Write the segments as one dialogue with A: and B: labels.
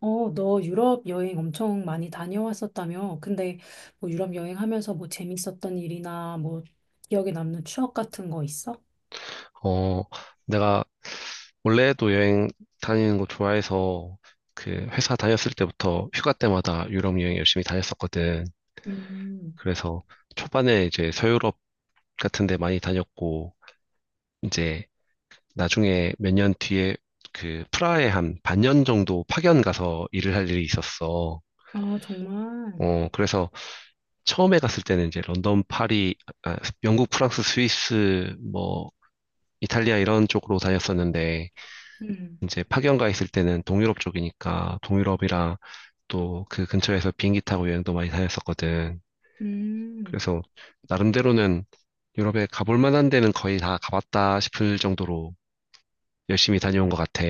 A: 어, 너 유럽 여행 엄청 많이 다녀왔었다며? 근데 뭐 유럽 여행하면서 뭐 재밌었던 일이나 뭐 기억에 남는 추억 같은 거 있어?
B: 어, 내가 원래도 여행 다니는 거 좋아해서 그 회사 다녔을 때부터 휴가 때마다 유럽 여행 열심히 다녔었거든.
A: 음,
B: 그래서 초반에 이제 서유럽 같은 데 많이 다녔고, 이제 나중에 몇 년 뒤에 그 프라하에 한 반년 정도 파견 가서 일을 할 일이 있었어.
A: 아, 정말.
B: 그래서 처음에 갔을 때는 이제 런던, 파리, 아, 영국, 프랑스, 스위스, 뭐, 이탈리아 이런 쪽으로 다녔었는데,
A: 음,
B: 이제 파견 가 있을 때는 동유럽 쪽이니까 동유럽이랑 또 그 근처에서 비행기 타고 여행도 많이 다녔었거든.
A: 음.
B: 그래서 나름대로는 유럽에 가볼 만한 데는 거의 다 가봤다 싶을 정도로 열심히 다녀온 것 같아.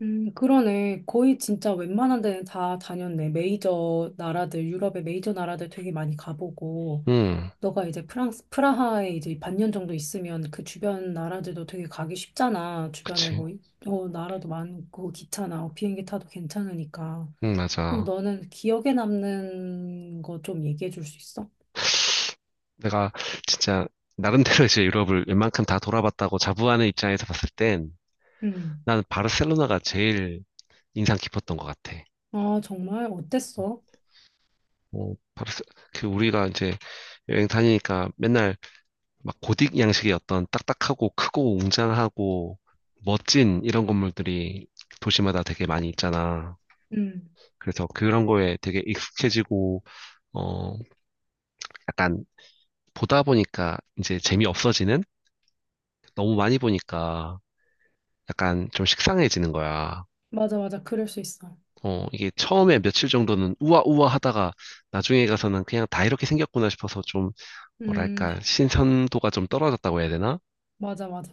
A: 그러네. 거의 진짜 웬만한 데는 다 다녔네. 메이저 나라들, 유럽의 메이저 나라들 되게 많이 가보고,
B: 응,
A: 너가 이제 프랑스, 프라하에 이제 반년 정도 있으면 그 주변 나라들도 되게 가기 쉽잖아. 주변에
B: 그치.
A: 뭐, 어, 나라도 많고, 기차나 어, 비행기 타도 괜찮으니까.
B: 응,
A: 그럼
B: 맞아.
A: 너는 기억에 남는 거 좀 얘기해 줄 수 있어?
B: 내가 진짜 나름대로 이제 유럽을 웬만큼 다 돌아봤다고 자부하는 입장에서 봤을 땐
A: 음.
B: 나는 바르셀로나가 제일 인상 깊었던 것 같아.
A: 아, 정말? 어땠어?
B: 어, 바르셀, 그 우리가 이제 여행 다니니까 맨날 막 고딕 양식의 어떤 딱딱하고 크고 웅장하고 멋진 이런 건물들이 도시마다 되게 많이 있잖아.
A: 음.
B: 그래서 그런 거에 되게 익숙해지고, 어, 약간 보다 보니까 이제 재미없어지는? 너무 많이 보니까 약간 좀 식상해지는 거야.
A: 맞아, 맞아. 그럴 수 있어.
B: 이게 처음에 며칠 정도는 우아우아 하다가 나중에 가서는 그냥 다 이렇게 생겼구나 싶어서 좀
A: 음,
B: 뭐랄까, 신선도가 좀 떨어졌다고 해야 되나?
A: 맞아, 맞아.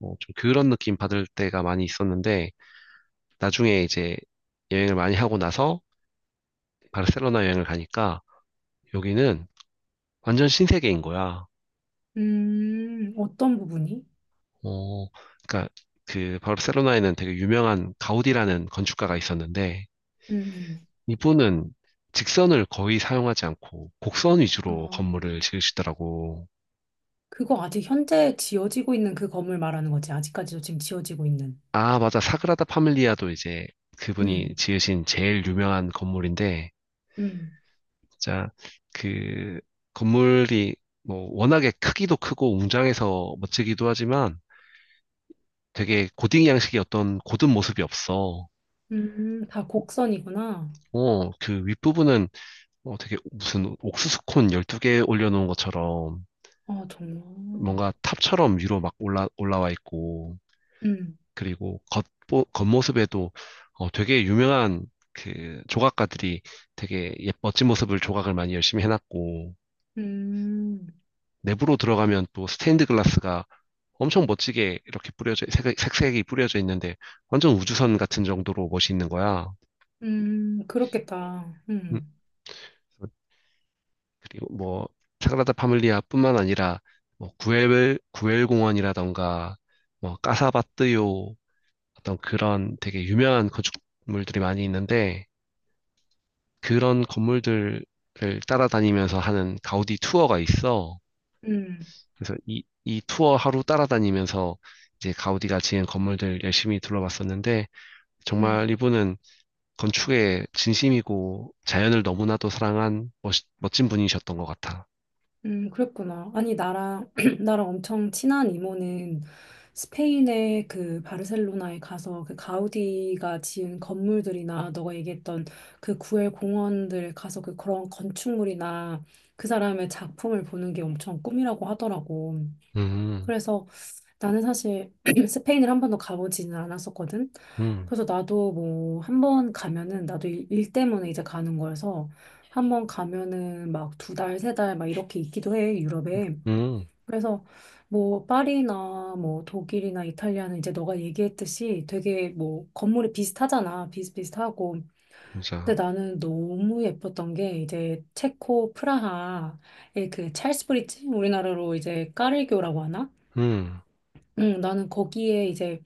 B: 좀 그런 느낌 받을 때가 많이 있었는데, 나중에 이제 여행을 많이 하고 나서 바르셀로나 여행을 가니까 여기는 완전 신세계인 거야.
A: 어떤 부분이?
B: 어, 그러니까 그 바르셀로나에는 되게 유명한 가우디라는 건축가가 있었는데
A: 음,
B: 이분은 직선을 거의 사용하지 않고 곡선 위주로
A: 어,
B: 건물을 지으시더라고.
A: 그거 아직 현재 지어지고 있는 그 건물 말하는 거지. 아직까지도 지금 지어지고 있는.
B: 아, 맞아. 사그라다 파밀리아도 이제 그분이
A: 음,
B: 지으신 제일 유명한 건물인데
A: 음,
B: 진짜 그 건물이 뭐 워낙에 크기도 크고 웅장해서 멋지기도 하지만 되게 고딩 양식의 어떤 고든 모습이 없어.
A: 다 곡선이구나.
B: 그 윗부분은 되게 무슨 옥수수콘 12개 올려놓은 것처럼
A: 아, 정말.
B: 뭔가 탑처럼 위로 막 올라와 있고,
A: 음,
B: 그리고 겉모습에도 되게 유명한 그 조각가들이 되게 멋진 모습을 조각을 많이 열심히 해놨고,
A: 음,
B: 내부로 들어가면 또 스테인드 글라스가 엄청 멋지게 이렇게 색이 뿌려져 있는데 완전 우주선 같은 정도로 멋있는 거야.
A: 그렇겠다.
B: 음, 그리고 뭐 사그라다 파밀리아뿐만 아니라 뭐 구엘 공원이라던가 뭐 까사바뜨요 어떤 그런 되게 유명한 건축물들이 많이 있는데 그런 건물들을 따라다니면서 하는 가우디 투어가 있어.
A: 음,
B: 그래서 이 투어 하루 따라다니면서 이제 가우디가 지은 건물들 열심히 둘러봤었는데 정말
A: 음.
B: 이분은 건축에 진심이고 자연을 너무나도 사랑한 멋진 분이셨던 것 같아.
A: 그랬구나. 아니, 나랑, 나랑 엄청 친한 이모는 스페인의 그 바르셀로나에 가서 그 가우디가 지은 건물들이나 너가 얘기했던 그 구엘 공원들 가서 그 그런 건축물이나 그 사람의 작품을 보는 게 엄청 꿈이라고 하더라고.
B: 음,
A: 그래서 나는 사실 스페인을 한 번도 가보지는 않았었거든.
B: 음,
A: 그래서 나도 뭐 한번 가면은 나도 일 때문에 이제 가는 거여서 한번 가면은 막 두 달, 세 달 막 이렇게 있기도 해, 유럽에.
B: 음.
A: 그래서 뭐 파리나 뭐 독일이나 이탈리아는 이제 너가 얘기했듯이 되게 뭐 건물이 비슷하잖아. 비슷비슷하고.
B: 진짜.
A: 근데 나는 너무 예뻤던 게 이제 체코 프라하의 그 찰스 브릿지 우리나라로 이제 까를교라고 하나?
B: 음,
A: 응, 나는 거기에 이제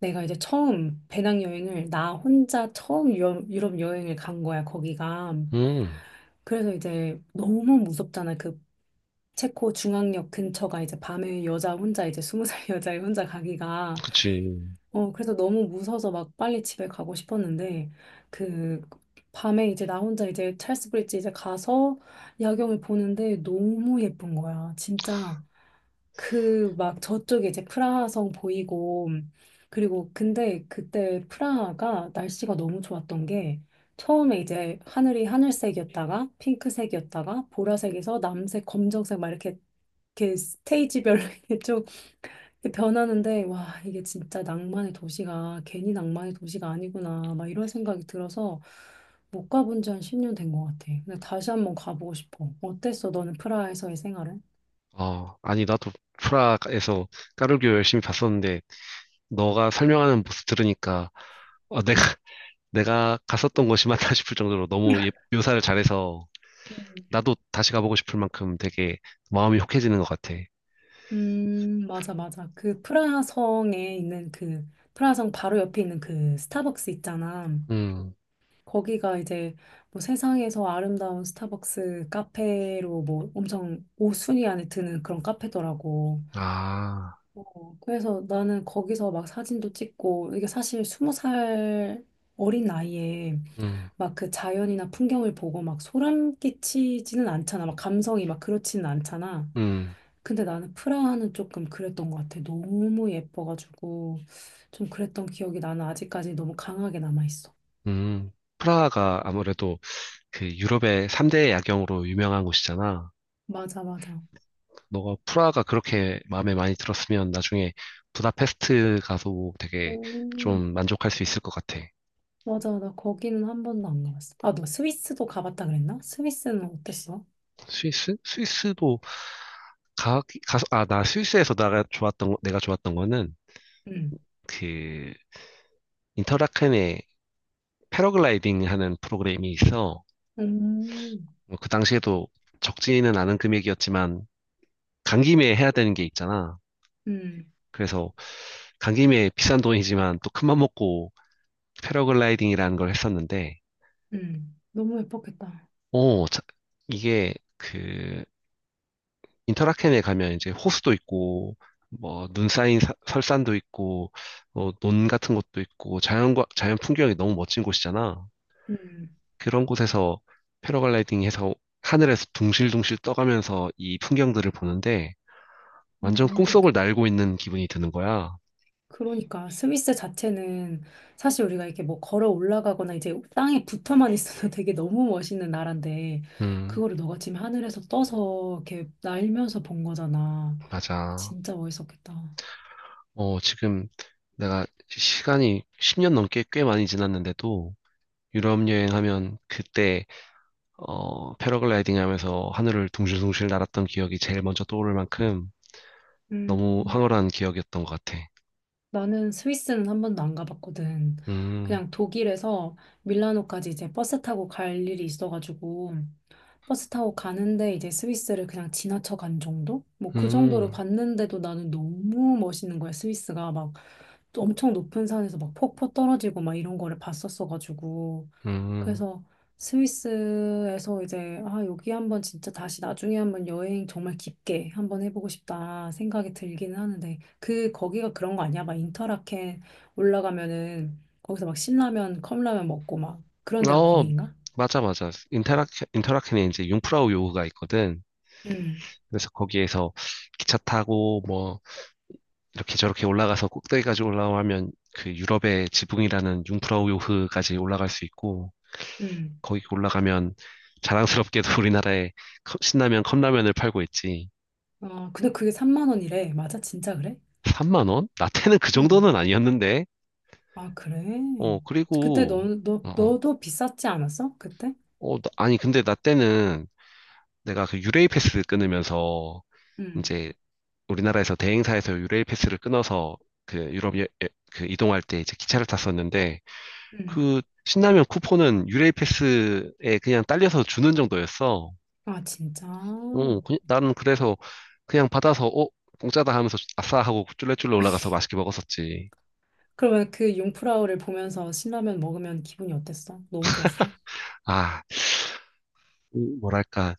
A: 내가 이제 처음 배낭여행을 나 혼자 처음 유럽 여행을 간 거야, 거기가.
B: 음,
A: 그래서 이제 너무 무섭잖아. 그 체코 중앙역 근처가 이제 밤에 여자 혼자 이제 스무 살 여자 혼자 가기가
B: 그치.
A: 어 그래서 너무 무서워서 막 빨리 집에 가고 싶었는데 그 밤에 이제 나 혼자 이제 찰스 브릿지 이제 가서 야경을 보는데 너무 예쁜 거야 진짜 그 막 저쪽에 이제 프라하성 보이고 그리고 근데 그때 프라하가 날씨가 너무 좋았던 게 처음에 이제 하늘이 하늘색이었다가 핑크색이었다가 보라색에서 남색, 검정색 막 이렇게 이렇게 스테이지별로 이렇게 좀 이렇게 변하는데 와 이게 진짜 낭만의 도시가 괜히 낭만의 도시가 아니구나 막 이런 생각이 들어서 못 가본 지 한 10년 된 것 같아. 근데 다시 한번 가보고 싶어. 어땠어? 너는 프라하에서의 생활은?
B: 아, 아니, 나도 프라하에서 까르기오 열심히 봤었는데, 너가 설명하는 모습 들으니까, 내가, 내가 갔었던 곳이 맞나 싶을 정도로 너무 묘사를 잘해서,
A: 음.
B: 나도 다시 가보고 싶을 만큼 되게 마음이 혹해지는 것 같아.
A: 맞아, 맞아. 그 프라하성에 있는 그, 프라하성 바로 옆에 있는 그 스타벅스 있잖아.
B: 음,
A: 거기가 이제 뭐 세상에서 아름다운 스타벅스 카페로 뭐 엄청 5순위 안에 드는 그런 카페더라고.
B: 아,
A: 어, 그래서 나는 거기서 막 사진도 찍고, 이게 사실 20살 어린 나이에
B: 음,
A: 막 그 자연이나 풍경을 보고 막 소름 끼치지는 않잖아. 막 감성이 막 그렇지는 않잖아.
B: 음,
A: 근데 나는 프라하는 조금 그랬던 것 같아. 너무 예뻐가지고 좀 그랬던 기억이 나는 아직까지 너무 강하게 남아있어.
B: 음. 프라하가 아무래도 그 유럽의 3대 야경으로 유명한 곳이잖아.
A: 맞아, 맞아.
B: 너가 프라가 그렇게 마음에 많이 들었으면 나중에 부다페스트 가서 되게
A: 음.
B: 좀 만족할 수 있을 것 같아.
A: 맞아, 나 거기는 한 번도 안 가봤어. 아, 너 스위스도 가봤다 그랬나? 스위스는 어땠어?
B: 스위스? 스위스도 가, 나 스위스에서 내가 좋았던, 내가 좋았던 거는
A: 응,
B: 그 인터라켄에 패러글라이딩 하는 프로그램이 있어.
A: 음.
B: 뭐그 당시에도 적지는 않은 금액이었지만 간 김에 해야 되는 게 있잖아.
A: 응,
B: 그래서 간 김에 비싼 돈이지만 또 큰맘 먹고 패러글라이딩이라는 걸 했었는데,
A: 응. 너무 예뻤겠다.
B: 오, 자- 이게 그 인터라켄에 가면 이제 호수도 있고 뭐 눈 쌓인 설산도 있고 논 같은 것도 있고 자연과 자연 풍경이 너무 멋진 곳이잖아.
A: 응.
B: 그런 곳에서 패러글라이딩 해서 하늘에서 둥실둥실 떠가면서 이 풍경들을 보는데
A: 어,
B: 완전
A: 너무
B: 꿈속을
A: 좋았겠다.
B: 날고 있는 기분이 드는 거야.
A: 그러니까 스위스 자체는 사실 우리가 이렇게 뭐 걸어 올라가거나 이제 땅에 붙어만 있어도 되게 너무 멋있는 나라인데
B: 음,
A: 그거를 너가 지금 하늘에서 떠서 이렇게 날면서 본 거잖아.
B: 맞아.
A: 진짜 멋있었겠다.
B: 지금 내가 시간이 10년 넘게 꽤 많이 지났는데도 유럽 여행하면 그때 패러글라이딩 하면서 하늘을 둥실둥실 날았던 기억이 제일 먼저 떠오를 만큼 너무
A: 음.
B: 황홀한 기억이었던 것 같아.
A: 나는 스위스는 한 번도 안 가봤거든.
B: 음,
A: 그냥 독일에서 밀라노까지 이제 버스 타고 갈 일이 있어가지고 버스 타고 가는데 이제 스위스를 그냥 지나쳐 간 정도? 뭐 그 정도로
B: 음,
A: 봤는데도 나는 너무 멋있는 거야. 스위스가 막 엄청 높은 산에서 막 폭포 떨어지고 막 이런 거를 봤었어가지고.
B: 음.
A: 그래서 스위스에서 이제 아 여기 한번 진짜 다시 나중에 한번 여행 정말 깊게 한번 해보고 싶다 생각이 들기는 하는데 그 거기가 그런 거 아니야? 막 인터라켄 올라가면은 거기서 막 신라면 컵라면 먹고 막 그런 데가
B: 어,
A: 거기인가?
B: 맞아, 맞아. 인터라켄에 이제 융프라우 요흐가 있거든.
A: 응
B: 그래서 거기에서 기차 타고 뭐 이렇게 저렇게 올라가서 꼭대기까지 올라가면 그 유럽의 지붕이라는 융프라우 요흐까지 올라갈 수 있고
A: 응
B: 거기 올라가면 자랑스럽게도 우리나라에 신라면 컵라면을 팔고 있지.
A: 아 근데 그게 3만 원이래. 맞아? 진짜 그래?
B: 3만 원? 라떼는 그 정도는
A: 응
B: 아니었는데.
A: 아 그래? 그때 너,
B: 그리고
A: 너,
B: 어, 어.
A: 너도 비쌌지 않았어? 그때?
B: 아니 근데 라떼는 내가 그 유레일 패스 끊으면서
A: 응
B: 이제 우리나라에서 대행사에서 유레일 패스를 끊어서 그 유럽 그 이동할 때 이제 기차를 탔었는데 그
A: 응
B: 신라면 쿠폰은 유레일 패스에 그냥 딸려서 주는 정도였어.
A: 아 진짜?
B: 나는 그래서 그냥 받아서 공짜다 하면서 아싸 하고 쫄래쫄래 올라가서 맛있게 먹었었지.
A: 그러면 그 융프라우를 보면서 신라면 먹으면 기분이 어땠어? 너무 좋았어?
B: 아, 이 뭐랄까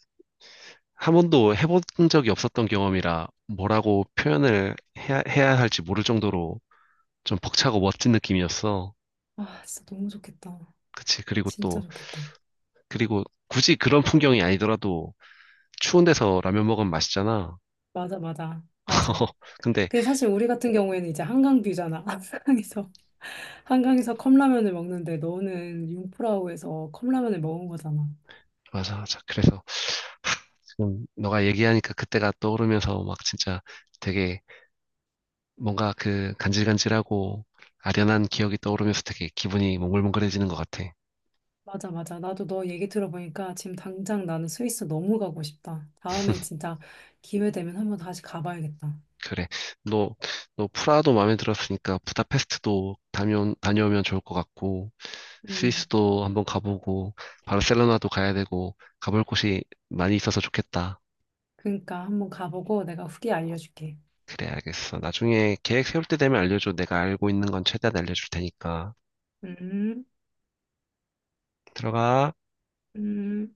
B: 한 번도 해본 적이 없었던 경험이라 뭐라고 표현을 해야 할지 모를 정도로 좀 벅차고 멋진 느낌이었어.
A: 아, 진짜 너무 좋겠다.
B: 그치. 그리고
A: 진짜
B: 또,
A: 좋겠다.
B: 그리고 굳이 그런 풍경이 아니더라도 추운 데서 라면 먹으면 맛있잖아.
A: 맞아, 맞아, 맞아.
B: 근데,
A: 근데 사실 우리 같은 경우에는 이제 한강 뷰잖아. 한강에서 컵라면을 먹는데 너는 융프라우에서 컵라면을 먹은 거잖아.
B: 맞아, 맞아. 그래서, 하, 지금 너가 얘기하니까 그때가 떠오르면서 막 진짜 되게 뭔가 그 간질간질하고 아련한 기억이 떠오르면서 되게 기분이 몽글몽글해지는 것 같아.
A: 맞아, 맞아. 나도 너 얘기 들어보니까 지금 당장 나는 스위스 너무 가고 싶다. 다음에 진짜 기회 되면 한번 다시 가봐야겠다.
B: 그래. 너, 너 프라하도 마음에 들었으니까 부다페스트도 다녀오면 좋을 것 같고,
A: 음,
B: 스위스도 한번 가보고, 바르셀로나도 가야 되고, 가볼 곳이 많이 있어서 좋겠다.
A: 그러니까 한번 가보고 내가 후기 알려줄게.
B: 그래, 알겠어. 나중에 계획 세울 때 되면 알려줘. 내가 알고 있는 건 최대한 알려줄 테니까.
A: 음,
B: 들어가.
A: 음.